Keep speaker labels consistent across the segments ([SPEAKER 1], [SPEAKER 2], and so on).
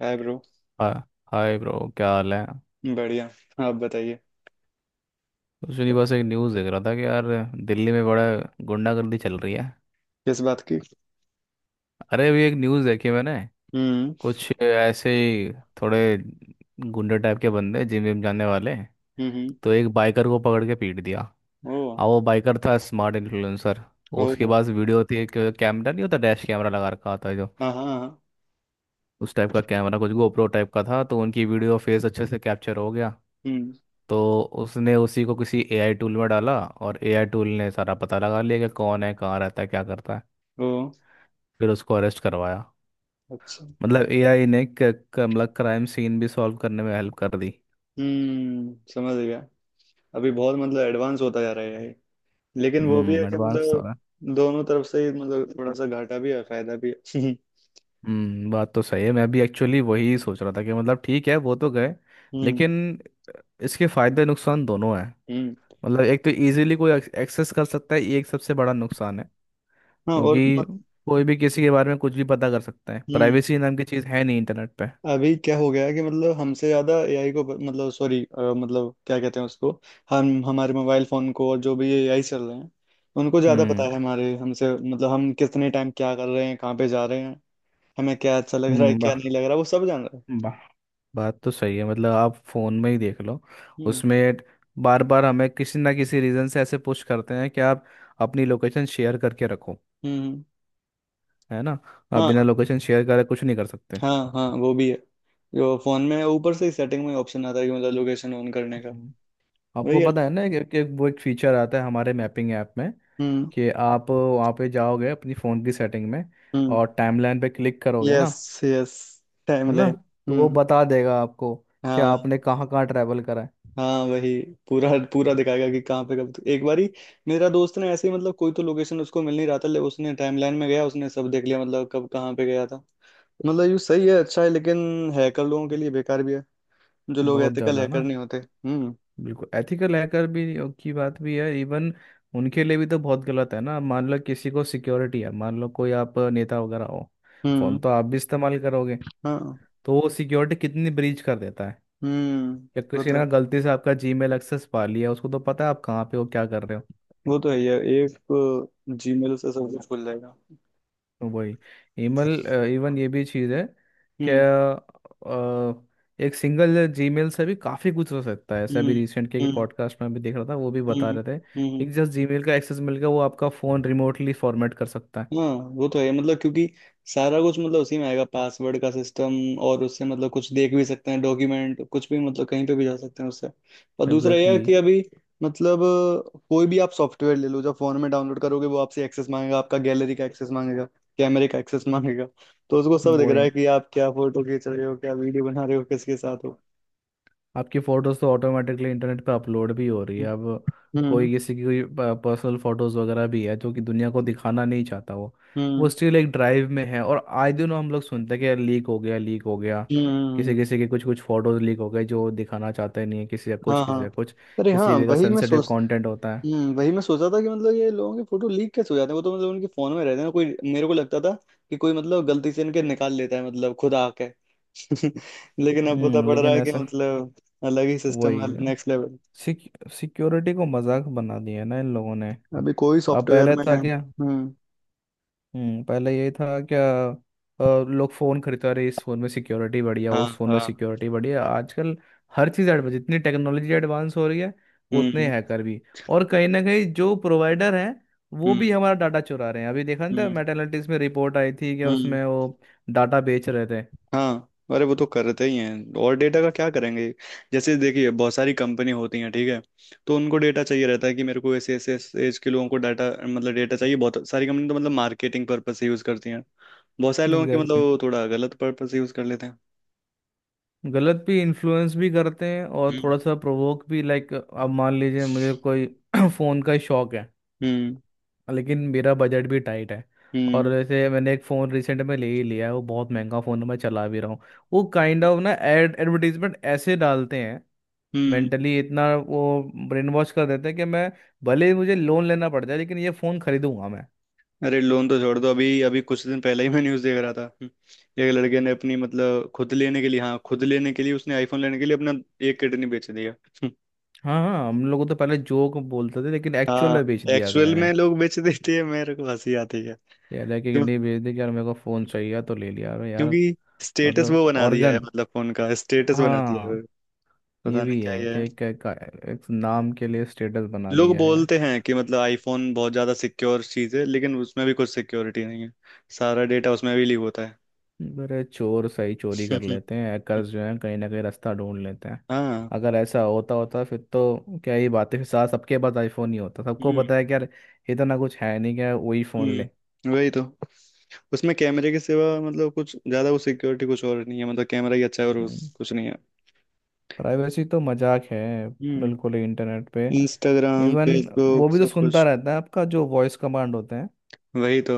[SPEAKER 1] हाय bro.
[SPEAKER 2] हा- hi bro, क्या हाल है?
[SPEAKER 1] बढ़िया। आप बताइए।
[SPEAKER 2] कुछ नहीं, बस एक न्यूज़ देख रहा था कि यार दिल्ली में बड़ा गुंडागर्दी चल रही है।
[SPEAKER 1] किस बात की?
[SPEAKER 2] अरे, अभी एक न्यूज़ देखी मैंने।
[SPEAKER 1] हम्म।
[SPEAKER 2] कुछ ऐसे ही थोड़े गुंडे टाइप के बंदे, जिम विम जाने वाले,
[SPEAKER 1] हम्म।
[SPEAKER 2] तो एक बाइकर को पकड़ के पीट दिया।
[SPEAKER 1] ओ।
[SPEAKER 2] अब वो बाइकर था स्मार्ट इन्फ्लुएंसर।
[SPEAKER 1] ओ।
[SPEAKER 2] उसके पास वीडियो थी एक। कैमरा नहीं होता, डैश कैमरा लगा रखा होता है जो,
[SPEAKER 1] हाँ हाँ हाँ।
[SPEAKER 2] उस टाइप का कैमरा कुछ गोप्रो टाइप का था, तो उनकी वीडियो फेस अच्छे से कैप्चर हो गया।
[SPEAKER 1] हम्म।
[SPEAKER 2] तो उसने उसी को किसी एआई टूल में डाला और एआई टूल ने सारा पता लगा लिया कि कौन है, कहाँ रहता है, क्या करता है।
[SPEAKER 1] ओ।
[SPEAKER 2] फिर उसको अरेस्ट करवाया।
[SPEAKER 1] अच्छा।
[SPEAKER 2] मतलब एआई ने मतलब क्राइम सीन भी सॉल्व करने में हेल्प कर दी।
[SPEAKER 1] समझ गया। अभी बहुत मतलब एडवांस होता जा रहा है ये। लेकिन वो भी है कि
[SPEAKER 2] एडवांस हो
[SPEAKER 1] मतलब
[SPEAKER 2] रहा है।
[SPEAKER 1] दोनों तरफ से ही मतलब थोड़ा सा घाटा भी है फायदा भी है।
[SPEAKER 2] बात तो सही है, मैं भी एक्चुअली वही सोच रहा था कि मतलब ठीक है, वो तो गए
[SPEAKER 1] हम्म
[SPEAKER 2] लेकिन इसके फायदे नुकसान दोनों हैं।
[SPEAKER 1] हम्म।
[SPEAKER 2] मतलब एक तो इजीली कोई एक्सेस कर सकता है, ये एक सबसे बड़ा नुकसान है।
[SPEAKER 1] हाँ और
[SPEAKER 2] क्योंकि कोई भी किसी के बारे में कुछ भी पता कर सकता है,
[SPEAKER 1] हम्म।
[SPEAKER 2] प्राइवेसी नाम की चीज़ है नहीं इंटरनेट पे।
[SPEAKER 1] अभी क्या हो गया है कि मतलब हमसे ज्यादा एआई को मतलब सॉरी। मतलब क्या कहते हैं उसको। हम हमारे मोबाइल फोन को और जो भी एआई चल रहे हैं उनको ज्यादा पता
[SPEAKER 2] हम्म,
[SPEAKER 1] है हमारे हमसे मतलब हम कितने टाइम क्या कर रहे हैं कहाँ पे जा रहे हैं। हमें क्या अच्छा लग रहा है
[SPEAKER 2] हम्म।
[SPEAKER 1] क्या
[SPEAKER 2] वाह,
[SPEAKER 1] नहीं लग रहा वो सब जान रहा है।
[SPEAKER 2] वाह। बात तो सही है, मतलब आप फोन में ही देख लो।
[SPEAKER 1] हम्म
[SPEAKER 2] उसमें बार बार हमें किसी ना किसी रीजन से ऐसे पुश करते हैं कि आप अपनी लोकेशन शेयर करके रखो।
[SPEAKER 1] हम्म हम्म।
[SPEAKER 2] है ना। आप बिना
[SPEAKER 1] हाँ
[SPEAKER 2] लोकेशन शेयर करे कुछ नहीं कर सकते।
[SPEAKER 1] हाँ हाँ वो भी है। जो फोन में है, ऊपर से ही सेटिंग में ऑप्शन आता है कि मतलब लोकेशन ऑन करने का।
[SPEAKER 2] हम्म, आपको
[SPEAKER 1] वही है।
[SPEAKER 2] पता है ना कि वो एक फीचर आता है हमारे मैपिंग ऐप में,
[SPEAKER 1] हम्म
[SPEAKER 2] कि आप वहाँ पे जाओगे अपनी फ़ोन की सेटिंग में
[SPEAKER 1] हम्म।
[SPEAKER 2] और टाइमलाइन पे क्लिक करोगे ना।
[SPEAKER 1] यस। यस। टाइम
[SPEAKER 2] है ना।
[SPEAKER 1] लाइन।
[SPEAKER 2] तो वो
[SPEAKER 1] हम्म।
[SPEAKER 2] बता देगा आपको कि
[SPEAKER 1] हाँ।
[SPEAKER 2] आपने कहाँ कहाँ ट्रैवल करा है।
[SPEAKER 1] हाँ वही। पूरा पूरा दिखाएगा कि कहाँ पे कब एक बारी। मेरा दोस्त ने ऐसे ही मतलब कोई तो लोकेशन उसको मिल नहीं रहा था ले उसने टाइमलाइन में गया उसने सब देख लिया मतलब कब कहाँ पे गया था। मतलब ये सही है अच्छा है लेकिन हैकर लोगों के लिए बेकार भी है। जो लोग
[SPEAKER 2] बहुत
[SPEAKER 1] एथिकल
[SPEAKER 2] ज़्यादा
[SPEAKER 1] हैकर
[SPEAKER 2] ना।
[SPEAKER 1] नहीं होते। हम्म।
[SPEAKER 2] बिल्कुल एथिकल हैकर भी की बात भी है। इवन उनके लिए भी तो बहुत गलत है ना। मान लो किसी को सिक्योरिटी है, मान लो कोई आप नेता वगैरह हो,
[SPEAKER 1] हम्म।
[SPEAKER 2] फोन तो आप भी इस्तेमाल करोगे,
[SPEAKER 1] हाँ।
[SPEAKER 2] तो वो सिक्योरिटी कितनी ब्रीच कर देता है।
[SPEAKER 1] हम्म
[SPEAKER 2] या
[SPEAKER 1] वो
[SPEAKER 2] किसी
[SPEAKER 1] तो
[SPEAKER 2] ने गलती से आपका जीमेल एक्सेस पा लिया, उसको तो पता है आप कहाँ पे हो, क्या कर रहे हो।
[SPEAKER 1] वो तो है ही है। एक जीमेल से सब कुछ खुल जाएगा।
[SPEAKER 2] वही ईमेल, इवन ये भी चीज़ है।
[SPEAKER 1] हम्म
[SPEAKER 2] क्या एक सिंगल जीमेल से भी काफ़ी कुछ हो सकता है, ऐसा
[SPEAKER 1] हम्म
[SPEAKER 2] भी रिसेंट के
[SPEAKER 1] हम्म
[SPEAKER 2] पॉडकास्ट में भी देख रहा था, वो भी
[SPEAKER 1] हम्म
[SPEAKER 2] बता रहे थे
[SPEAKER 1] हम्म
[SPEAKER 2] कि
[SPEAKER 1] हम्म।
[SPEAKER 2] जस्ट जीमेल का एक्सेस मिल गया, वो आपका फ़ोन रिमोटली फॉर्मेट कर सकता है।
[SPEAKER 1] हाँ। वो तो है मतलब क्योंकि सारा कुछ मतलब उसी में आएगा पासवर्ड का सिस्टम। और उससे मतलब कुछ देख भी सकते हैं डॉक्यूमेंट कुछ भी मतलब कहीं पे भी जा सकते हैं उससे। और दूसरा यह
[SPEAKER 2] एग्जैक्टली
[SPEAKER 1] है कि अभी मतलब कोई भी आप सॉफ्टवेयर ले लो जब फोन में डाउनलोड करोगे वो आपसे एक्सेस मांगेगा आपका गैलरी का एक्सेस मांगेगा। कैमरे का एक्सेस मांगेगा। तो उसको सब
[SPEAKER 2] exactly,
[SPEAKER 1] दिख रहा है
[SPEAKER 2] वही।
[SPEAKER 1] कि आप क्या फोटो खींच रहे हो क्या वीडियो बना रहे हो किसके साथ हो।
[SPEAKER 2] आपकी फोटोज तो ऑटोमेटिकली इंटरनेट पे अपलोड भी हो रही है
[SPEAKER 1] हम्म
[SPEAKER 2] अब।
[SPEAKER 1] हम्म
[SPEAKER 2] कोई किसी की कोई पर्सनल फोटोज वगैरह भी है जो कि दुनिया को दिखाना नहीं चाहता वो। वो
[SPEAKER 1] हम्म
[SPEAKER 2] स्टिल एक ड्राइव में है। और आए दिन हम लोग सुनते हैं कि यार लीक हो गया, लीक हो गया,
[SPEAKER 1] हम्म,
[SPEAKER 2] किसी किसी के कुछ कुछ फोटोज लीक हो गए जो दिखाना चाहते नहीं है, किसी का कुछ,
[SPEAKER 1] हाँ हाँ।
[SPEAKER 2] किसी का कुछ,
[SPEAKER 1] अरे हाँ
[SPEAKER 2] किसी जगह
[SPEAKER 1] वही मैं
[SPEAKER 2] सेंसिटिव
[SPEAKER 1] सोच।
[SPEAKER 2] कंटेंट होता है।
[SPEAKER 1] वही मैं सोचा था कि मतलब ये लोगों के फोटो लीक कैसे हो जाते हैं वो तो मतलब उनके फोन में रहते हैं कोई मेरे को लगता था कि कोई मतलब गलती से इनके निकाल लेता है मतलब खुद आके। लेकिन अब पता पड़ रहा
[SPEAKER 2] लेकिन
[SPEAKER 1] है कि
[SPEAKER 2] ऐसा,
[SPEAKER 1] मतलब अलग ही सिस्टम है
[SPEAKER 2] वही
[SPEAKER 1] नेक्स्ट लेवल।
[SPEAKER 2] सिक्योरिटी को मजाक बना दिया है ना इन लोगों ने।
[SPEAKER 1] अभी कोई
[SPEAKER 2] अब
[SPEAKER 1] सॉफ्टवेयर
[SPEAKER 2] पहले
[SPEAKER 1] में
[SPEAKER 2] था
[SPEAKER 1] है।
[SPEAKER 2] क्या?
[SPEAKER 1] हम्म।
[SPEAKER 2] पहले यही था क्या? लोग फ़ोन खरीदते रहे, इस फ़ोन में सिक्योरिटी बढ़िया,
[SPEAKER 1] हाँ
[SPEAKER 2] उस फ़ोन में
[SPEAKER 1] हाँ।
[SPEAKER 2] सिक्योरिटी बढ़िया। आजकल हर चीज़ एडवांस, जितनी टेक्नोलॉजी एडवांस हो रही है उतने
[SPEAKER 1] हम्म
[SPEAKER 2] हैकर भी। और कहीं ना कहीं जो प्रोवाइडर हैं, वो भी
[SPEAKER 1] हम्म
[SPEAKER 2] हमारा डाटा चुरा रहे हैं। अभी देखा नहीं था
[SPEAKER 1] हम्म
[SPEAKER 2] मेटालिटीज में रिपोर्ट आई थी क्या,
[SPEAKER 1] हम्म।
[SPEAKER 2] उसमें वो डाटा बेच रहे थे।
[SPEAKER 1] हाँ। अरे वो तो करते ही हैं और डेटा का क्या करेंगे। जैसे देखिए बहुत सारी कंपनी होती हैं ठीक है। तो उनको डेटा चाहिए रहता है कि मेरे को ऐसे ऐसे एज के लोगों को डाटा मतलब डेटा चाहिए। बहुत सारी कंपनी तो मतलब मार्केटिंग पर्पज से यूज करती हैं। बहुत सारे लोगों के मतलब
[SPEAKER 2] एग्जैक्टली,
[SPEAKER 1] वो थोड़ा गलत पर्पज से यूज कर लेते हैं।
[SPEAKER 2] गलत भी, इन्फ्लुएंस भी करते हैं और
[SPEAKER 1] हम्म
[SPEAKER 2] थोड़ा सा प्रोवोक भी। लाइक अब मान लीजिए मुझे कोई फ़ोन का शौक है,
[SPEAKER 1] हम्म
[SPEAKER 2] लेकिन मेरा बजट भी टाइट है। और
[SPEAKER 1] हम्म
[SPEAKER 2] जैसे मैंने एक फ़ोन रिसेंट में ले ही लिया है, वो बहुत महंगा फ़ोन है, मैं चला भी रहा हूँ। वो काइंड ऑफ ना एड एडवर्टीजमेंट ऐसे डालते हैं,
[SPEAKER 1] हम्म।
[SPEAKER 2] मेंटली इतना वो ब्रेन वॉश कर देते हैं कि मैं, भले ही मुझे लोन लेना पड़ जाए लेकिन ये फ़ोन खरीदूंगा मैं।
[SPEAKER 1] अरे लोन तो छोड़ दो अभी अभी कुछ दिन पहले ही मैं न्यूज़ देख रहा था। एक लड़के ने अपनी मतलब खुद लेने के लिए हाँ खुद लेने के लिए उसने आईफोन लेने के लिए अपना एक किडनी बेच दिया।
[SPEAKER 2] हाँ, हाँ, हम लोगों तो पहले जोक बोलते थे, लेकिन एक्चुअल
[SPEAKER 1] हाँ
[SPEAKER 2] में बेच दिया अगले
[SPEAKER 1] एक्चुअल
[SPEAKER 2] ने।
[SPEAKER 1] में लोग बेच देते हैं मेरे को हंसी आती है।
[SPEAKER 2] यार है कि
[SPEAKER 1] क्यों?
[SPEAKER 2] नहीं, बेच दी कि यार मेरे को फ़ोन चाहिए था, तो ले लिया। अरे यार,
[SPEAKER 1] क्योंकि स्टेटस
[SPEAKER 2] मतलब
[SPEAKER 1] वो बना दिया है
[SPEAKER 2] ऑर्गन।
[SPEAKER 1] मतलब फोन का स्टेटस बना दिया है।
[SPEAKER 2] हाँ, ये
[SPEAKER 1] पता नहीं
[SPEAKER 2] भी
[SPEAKER 1] क्या
[SPEAKER 2] है
[SPEAKER 1] ये
[SPEAKER 2] कि
[SPEAKER 1] है।
[SPEAKER 2] एक नाम के लिए स्टेटस बना
[SPEAKER 1] लोग
[SPEAKER 2] दिया है।
[SPEAKER 1] बोलते हैं कि मतलब आईफोन बहुत ज्यादा सिक्योर चीज है लेकिन उसमें भी कुछ सिक्योरिटी नहीं है। सारा डेटा उसमें भी लीक होता है।
[SPEAKER 2] अरे चोर सही चोरी कर लेते हैं, hackers जो है कहीं ना कहीं रास्ता ढूंढ लेते हैं।
[SPEAKER 1] हाँ।
[SPEAKER 2] अगर ऐसा होता होता फिर तो क्या ही बात है, फिर साथ सबके पास आईफोन ही होता। सबको
[SPEAKER 1] हम्म।
[SPEAKER 2] पता है कि यार इतना कुछ है नहीं, क्या वही फ़ोन ले।
[SPEAKER 1] वही तो। उसमें कैमरे के सिवा मतलब कुछ ज्यादा वो सिक्योरिटी कुछ और नहीं है मतलब कैमरा ही अच्छा है और उस कुछ नहीं है।
[SPEAKER 2] प्राइवेसी तो मजाक है,
[SPEAKER 1] हम्म।
[SPEAKER 2] बिल्कुल ही इंटरनेट पे।
[SPEAKER 1] इंस्टाग्राम
[SPEAKER 2] इवन वो
[SPEAKER 1] फेसबुक
[SPEAKER 2] भी तो
[SPEAKER 1] सब
[SPEAKER 2] सुनता
[SPEAKER 1] कुछ।
[SPEAKER 2] रहता है, आपका जो वॉइस कमांड होते हैं।
[SPEAKER 1] वही तो।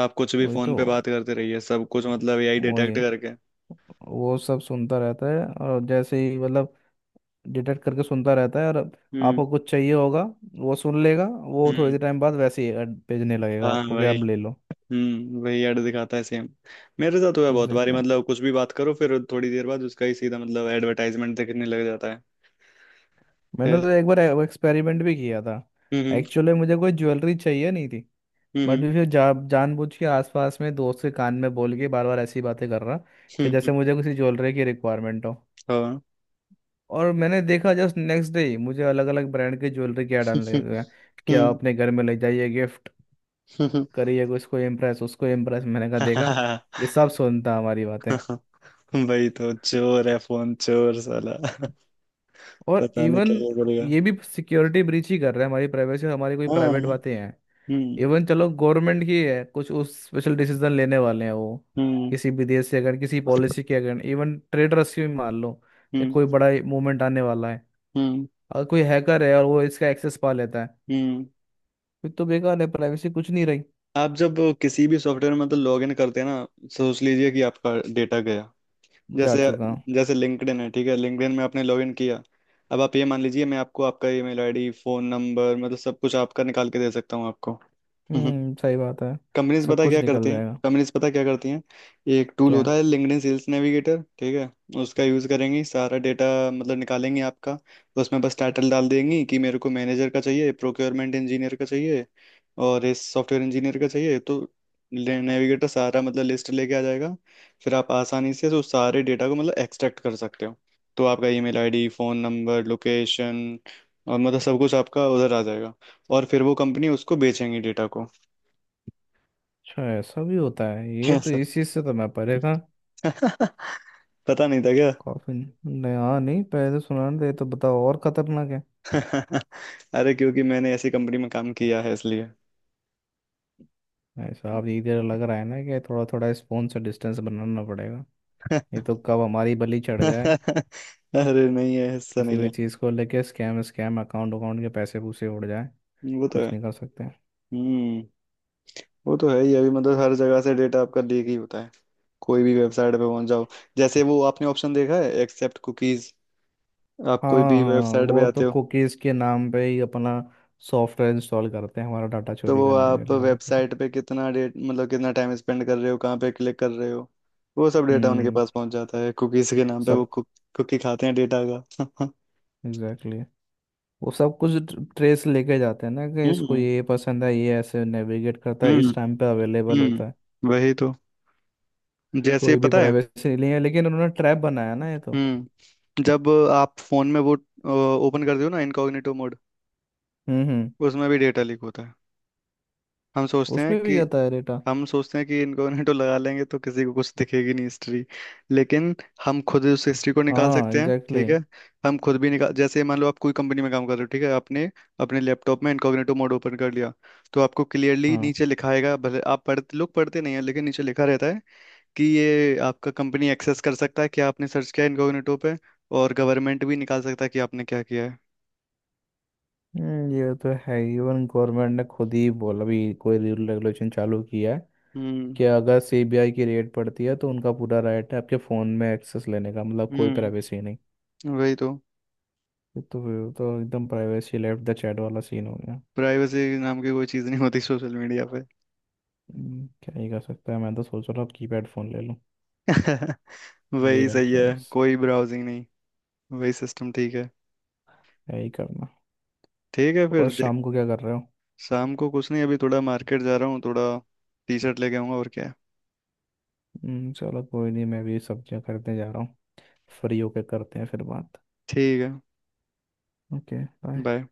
[SPEAKER 1] आप कुछ भी
[SPEAKER 2] वही
[SPEAKER 1] फोन
[SPEAKER 2] तो।
[SPEAKER 1] पे बात करते रहिए सब कुछ मतलब एआई डिटेक्ट
[SPEAKER 2] वही।
[SPEAKER 1] करके।
[SPEAKER 2] वो सब सुनता रहता है और जैसे ही मतलब डिटेक्ट करके सुनता रहता है, और
[SPEAKER 1] हम्म
[SPEAKER 2] आपको कुछ चाहिए होगा वो सुन लेगा। वो थोड़ी
[SPEAKER 1] हम्म।
[SPEAKER 2] देर टाइम बाद वैसे ही ad भेजने लगेगा
[SPEAKER 1] हाँ
[SPEAKER 2] आपको कि
[SPEAKER 1] वही।
[SPEAKER 2] आप ले लो।
[SPEAKER 1] वही ऐड दिखाता है सेम। मेरे साथ हुआ बहुत बारी
[SPEAKER 2] एग्जैक्टली exactly.
[SPEAKER 1] मतलब कुछ भी बात करो फिर थोड़ी देर बाद उसका ही सीधा मतलब एडवर्टाइजमेंट दिखने लग जाता है।
[SPEAKER 2] मैंने
[SPEAKER 1] खैर,
[SPEAKER 2] तो एक बार एक्सपेरिमेंट भी किया था।
[SPEAKER 1] हम्म।
[SPEAKER 2] एक्चुअली मुझे कोई ज्वेलरी चाहिए नहीं थी, बट
[SPEAKER 1] हम्म
[SPEAKER 2] फिर जानबूझ के आसपास में दोस्त के कान में बोल के बार बार ऐसी बातें कर रहा कि
[SPEAKER 1] हम्म हम्म,
[SPEAKER 2] जैसे मुझे किसी ज्वेलरी की रिक्वायरमेंट हो।
[SPEAKER 1] हाँ।
[SPEAKER 2] और मैंने देखा जस्ट नेक्स्ट डे ही मुझे अलग अलग ब्रांड की ज्वेलरी क्या डालने लगे, क्या
[SPEAKER 1] हम्म,
[SPEAKER 2] अपने घर में ले जाइए, गिफ्ट करिए उसको इम्प्रेस, उसको इम्प्रेस, मैंने कहा देखा,
[SPEAKER 1] हाँ।
[SPEAKER 2] ये सब सुनता हमारी बातें।
[SPEAKER 1] वही तो चोर है फोन चोर साला।
[SPEAKER 2] और
[SPEAKER 1] पता नहीं
[SPEAKER 2] इवन
[SPEAKER 1] क्या करेगा।
[SPEAKER 2] ये भी सिक्योरिटी ब्रीच ही कर रहे हैं हमारी प्राइवेसी और हमारी कोई
[SPEAKER 1] हाँ।
[SPEAKER 2] प्राइवेट बातें हैं।
[SPEAKER 1] हम्म
[SPEAKER 2] इवन चलो गवर्नमेंट की है कुछ उस स्पेशल डिसीजन लेने वाले हैं वो,
[SPEAKER 1] हम्म
[SPEAKER 2] किसी भी देश से अगर किसी पॉलिसी के अगर इवन ट्रेड रेस्क्यू मान लो या
[SPEAKER 1] हम्म
[SPEAKER 2] कोई बड़ा मूवमेंट आने वाला है,
[SPEAKER 1] हम्म
[SPEAKER 2] अगर कोई हैकर है और वो इसका एक्सेस पा लेता है,
[SPEAKER 1] हम्म।
[SPEAKER 2] फिर तो बेकार है, प्राइवेसी कुछ नहीं रही।
[SPEAKER 1] आप जब किसी भी सॉफ्टवेयर में मतलब लॉगिन करते हैं ना सोच लीजिए कि आपका डेटा गया।
[SPEAKER 2] जा
[SPEAKER 1] जैसे
[SPEAKER 2] चुका हूँ।
[SPEAKER 1] जैसे लिंक्डइन है ठीक है लिंक्डइन में आपने लॉगिन किया। अब आप ये मान लीजिए मैं आपको आपका ईमेल आईडी फोन नंबर मतलब सब कुछ आपका निकाल के दे सकता हूँ आपको।
[SPEAKER 2] सही बात है।
[SPEAKER 1] कंपनीज
[SPEAKER 2] सब
[SPEAKER 1] पता है
[SPEAKER 2] कुछ
[SPEAKER 1] क्या
[SPEAKER 2] निकल
[SPEAKER 1] करती हैं
[SPEAKER 2] जाएगा।
[SPEAKER 1] कंपनीज पता है क्या करती हैं। एक टूल
[SPEAKER 2] क्या,
[SPEAKER 1] होता है लिंक्डइन सेल्स नेविगेटर ठीक है। उसका यूज़ करेंगी सारा डेटा मतलब निकालेंगे आपका। उसमें बस टाइटल डाल देंगी कि मेरे को मैनेजर का चाहिए प्रोक्योरमेंट इंजीनियर का चाहिए और इस सॉफ्टवेयर इंजीनियर का चाहिए तो नेविगेटर सारा मतलब लिस्ट लेके आ जाएगा। फिर आप आसानी से उस सारे डेटा को मतलब एक्सट्रैक्ट कर सकते हो। तो आपका email ID phone number location और मतलब सब कुछ आपका उधर आ जाएगा। और फिर वो कंपनी उसको बेचेंगी डेटा को।
[SPEAKER 2] अच्छा ऐसा भी होता है? ये तो इस चीज से तो मैं परे था।
[SPEAKER 1] पता नहीं था क्या।
[SPEAKER 2] कॉफी। नहीं, हाँ नहीं, पहले तो सुना नहीं था, ये तो बताओ और खतरनाक है।
[SPEAKER 1] अरे क्योंकि मैंने ऐसी कंपनी में काम किया है इसलिए।
[SPEAKER 2] भाई साहब ये इधर लग रहा है ना कि थोड़ा थोड़ा स्पून से डिस्टेंस बनाना पड़ेगा। ये तो कब हमारी बलि चढ़ जाए,
[SPEAKER 1] अरे नहीं है ऐसा
[SPEAKER 2] किसी
[SPEAKER 1] नहीं
[SPEAKER 2] भी
[SPEAKER 1] है।
[SPEAKER 2] चीज को लेके, स्कैम स्कैम, अकाउंट अकाउंट के पैसे पूसे उड़ जाए।
[SPEAKER 1] वो तो
[SPEAKER 2] कुछ
[SPEAKER 1] है।
[SPEAKER 2] नहीं कर सकते।
[SPEAKER 1] हम्म। वो तो है ही अभी मतलब हर जगह से डेटा आपका लीक ही होता है। कोई भी वेबसाइट पे पहुंच जाओ। जैसे वो आपने ऑप्शन देखा है एक्सेप्ट कुकीज। आप
[SPEAKER 2] हाँ,
[SPEAKER 1] कोई भी
[SPEAKER 2] हाँ,
[SPEAKER 1] वेबसाइट पे
[SPEAKER 2] वो तो
[SPEAKER 1] आते हो
[SPEAKER 2] कुकीज के नाम पे ही अपना सॉफ्टवेयर इंस्टॉल करते हैं हमारा डाटा
[SPEAKER 1] तो
[SPEAKER 2] चोरी
[SPEAKER 1] वो
[SPEAKER 2] करने के
[SPEAKER 1] आप
[SPEAKER 2] लिए और कुछ नहीं।
[SPEAKER 1] वेबसाइट पे कितना डेट मतलब कितना टाइम स्पेंड कर रहे हो कहाँ पे क्लिक कर रहे हो वो सब डेटा उनके
[SPEAKER 2] हम्म।
[SPEAKER 1] पास पहुंच जाता है कुकीज के नाम पे वो
[SPEAKER 2] सब।
[SPEAKER 1] कुकी खाते हैं डेटा का।
[SPEAKER 2] एग्जैक्टली, वो सब कुछ ट्रेस लेके जाते हैं ना कि इसको
[SPEAKER 1] हम्म
[SPEAKER 2] ये पसंद है, ये ऐसे नेविगेट करता है,
[SPEAKER 1] हम्म।
[SPEAKER 2] इस टाइम पे अवेलेबल होता है।
[SPEAKER 1] वही तो। जैसे
[SPEAKER 2] कोई भी
[SPEAKER 1] पता है।
[SPEAKER 2] प्राइवेसी नहीं है, लेकिन उन्होंने ट्रैप बनाया ना ये तो।
[SPEAKER 1] जब आप फोन में वो ओपन करते हो ना इनकॉग्निटो मोड
[SPEAKER 2] हम्म, हम्म।
[SPEAKER 1] उसमें भी डेटा लीक होता है। हम सोचते हैं
[SPEAKER 2] उसमें भी
[SPEAKER 1] कि
[SPEAKER 2] जाता है डेटा।
[SPEAKER 1] हम सोचते हैं कि इनकॉग्निटो लगा लेंगे तो किसी को कुछ दिखेगी नहीं हिस्ट्री। लेकिन हम खुद उस हिस्ट्री को निकाल
[SPEAKER 2] हाँ
[SPEAKER 1] सकते हैं
[SPEAKER 2] एग्जैक्टली
[SPEAKER 1] ठीक है।
[SPEAKER 2] exactly,
[SPEAKER 1] हम खुद भी निकाल जैसे मान लो आप कोई कंपनी में काम कर रहे हो ठीक है आपने अपने लैपटॉप में इनकॉग्निटो मोड ओपन कर लिया। तो आपको क्लियरली
[SPEAKER 2] हाँ।
[SPEAKER 1] नीचे लिखाएगा भले आप पढ़ते लोग पढ़ते नहीं है लेकिन नीचे लिखा रहता है कि ये आपका कंपनी एक्सेस कर सकता है क्या आपने सर्च किया इनकॉग्निटो पे। और गवर्नमेंट भी निकाल सकता है कि आपने क्या किया है।
[SPEAKER 2] ये तो है, इवन गवर्नमेंट ने खुद ही बोला भी कोई रूल रेगुलेशन चालू किया है
[SPEAKER 1] हम्म
[SPEAKER 2] कि अगर सीबीआई की रेड पड़ती है तो उनका पूरा राइट है आपके फ़ोन में एक्सेस लेने का, मतलब कोई
[SPEAKER 1] हम्म
[SPEAKER 2] प्राइवेसी नहीं।
[SPEAKER 1] वही तो।
[SPEAKER 2] ये तो एकदम प्राइवेसी लेफ्ट द चैट वाला सीन हो गया।
[SPEAKER 1] प्राइवेसी नाम की कोई चीज़ नहीं होती सोशल मीडिया पे।
[SPEAKER 2] क्या ही कर सकता है, मैं तो सोच रहा हूँ कीपैड फ़ोन ले लूँ। वही
[SPEAKER 1] वही
[SPEAKER 2] रह
[SPEAKER 1] सही है।
[SPEAKER 2] गया बस।
[SPEAKER 1] कोई ब्राउजिंग नहीं। वही सिस्टम ठीक है।
[SPEAKER 2] क्या ही करना।
[SPEAKER 1] ठीक है फिर
[SPEAKER 2] और
[SPEAKER 1] देख।
[SPEAKER 2] शाम को क्या कर रहे हो?
[SPEAKER 1] शाम को कुछ नहीं अभी थोड़ा मार्केट जा रहा हूँ थोड़ा टी शर्ट लेके आऊंगा और क्या है।
[SPEAKER 2] चलो कोई नहीं, मैं भी सब्जियां खरीदने जा रहा हूँ, फ्री होके करते हैं फिर बात।
[SPEAKER 1] ठीक है।
[SPEAKER 2] Okay, bye.
[SPEAKER 1] बाय।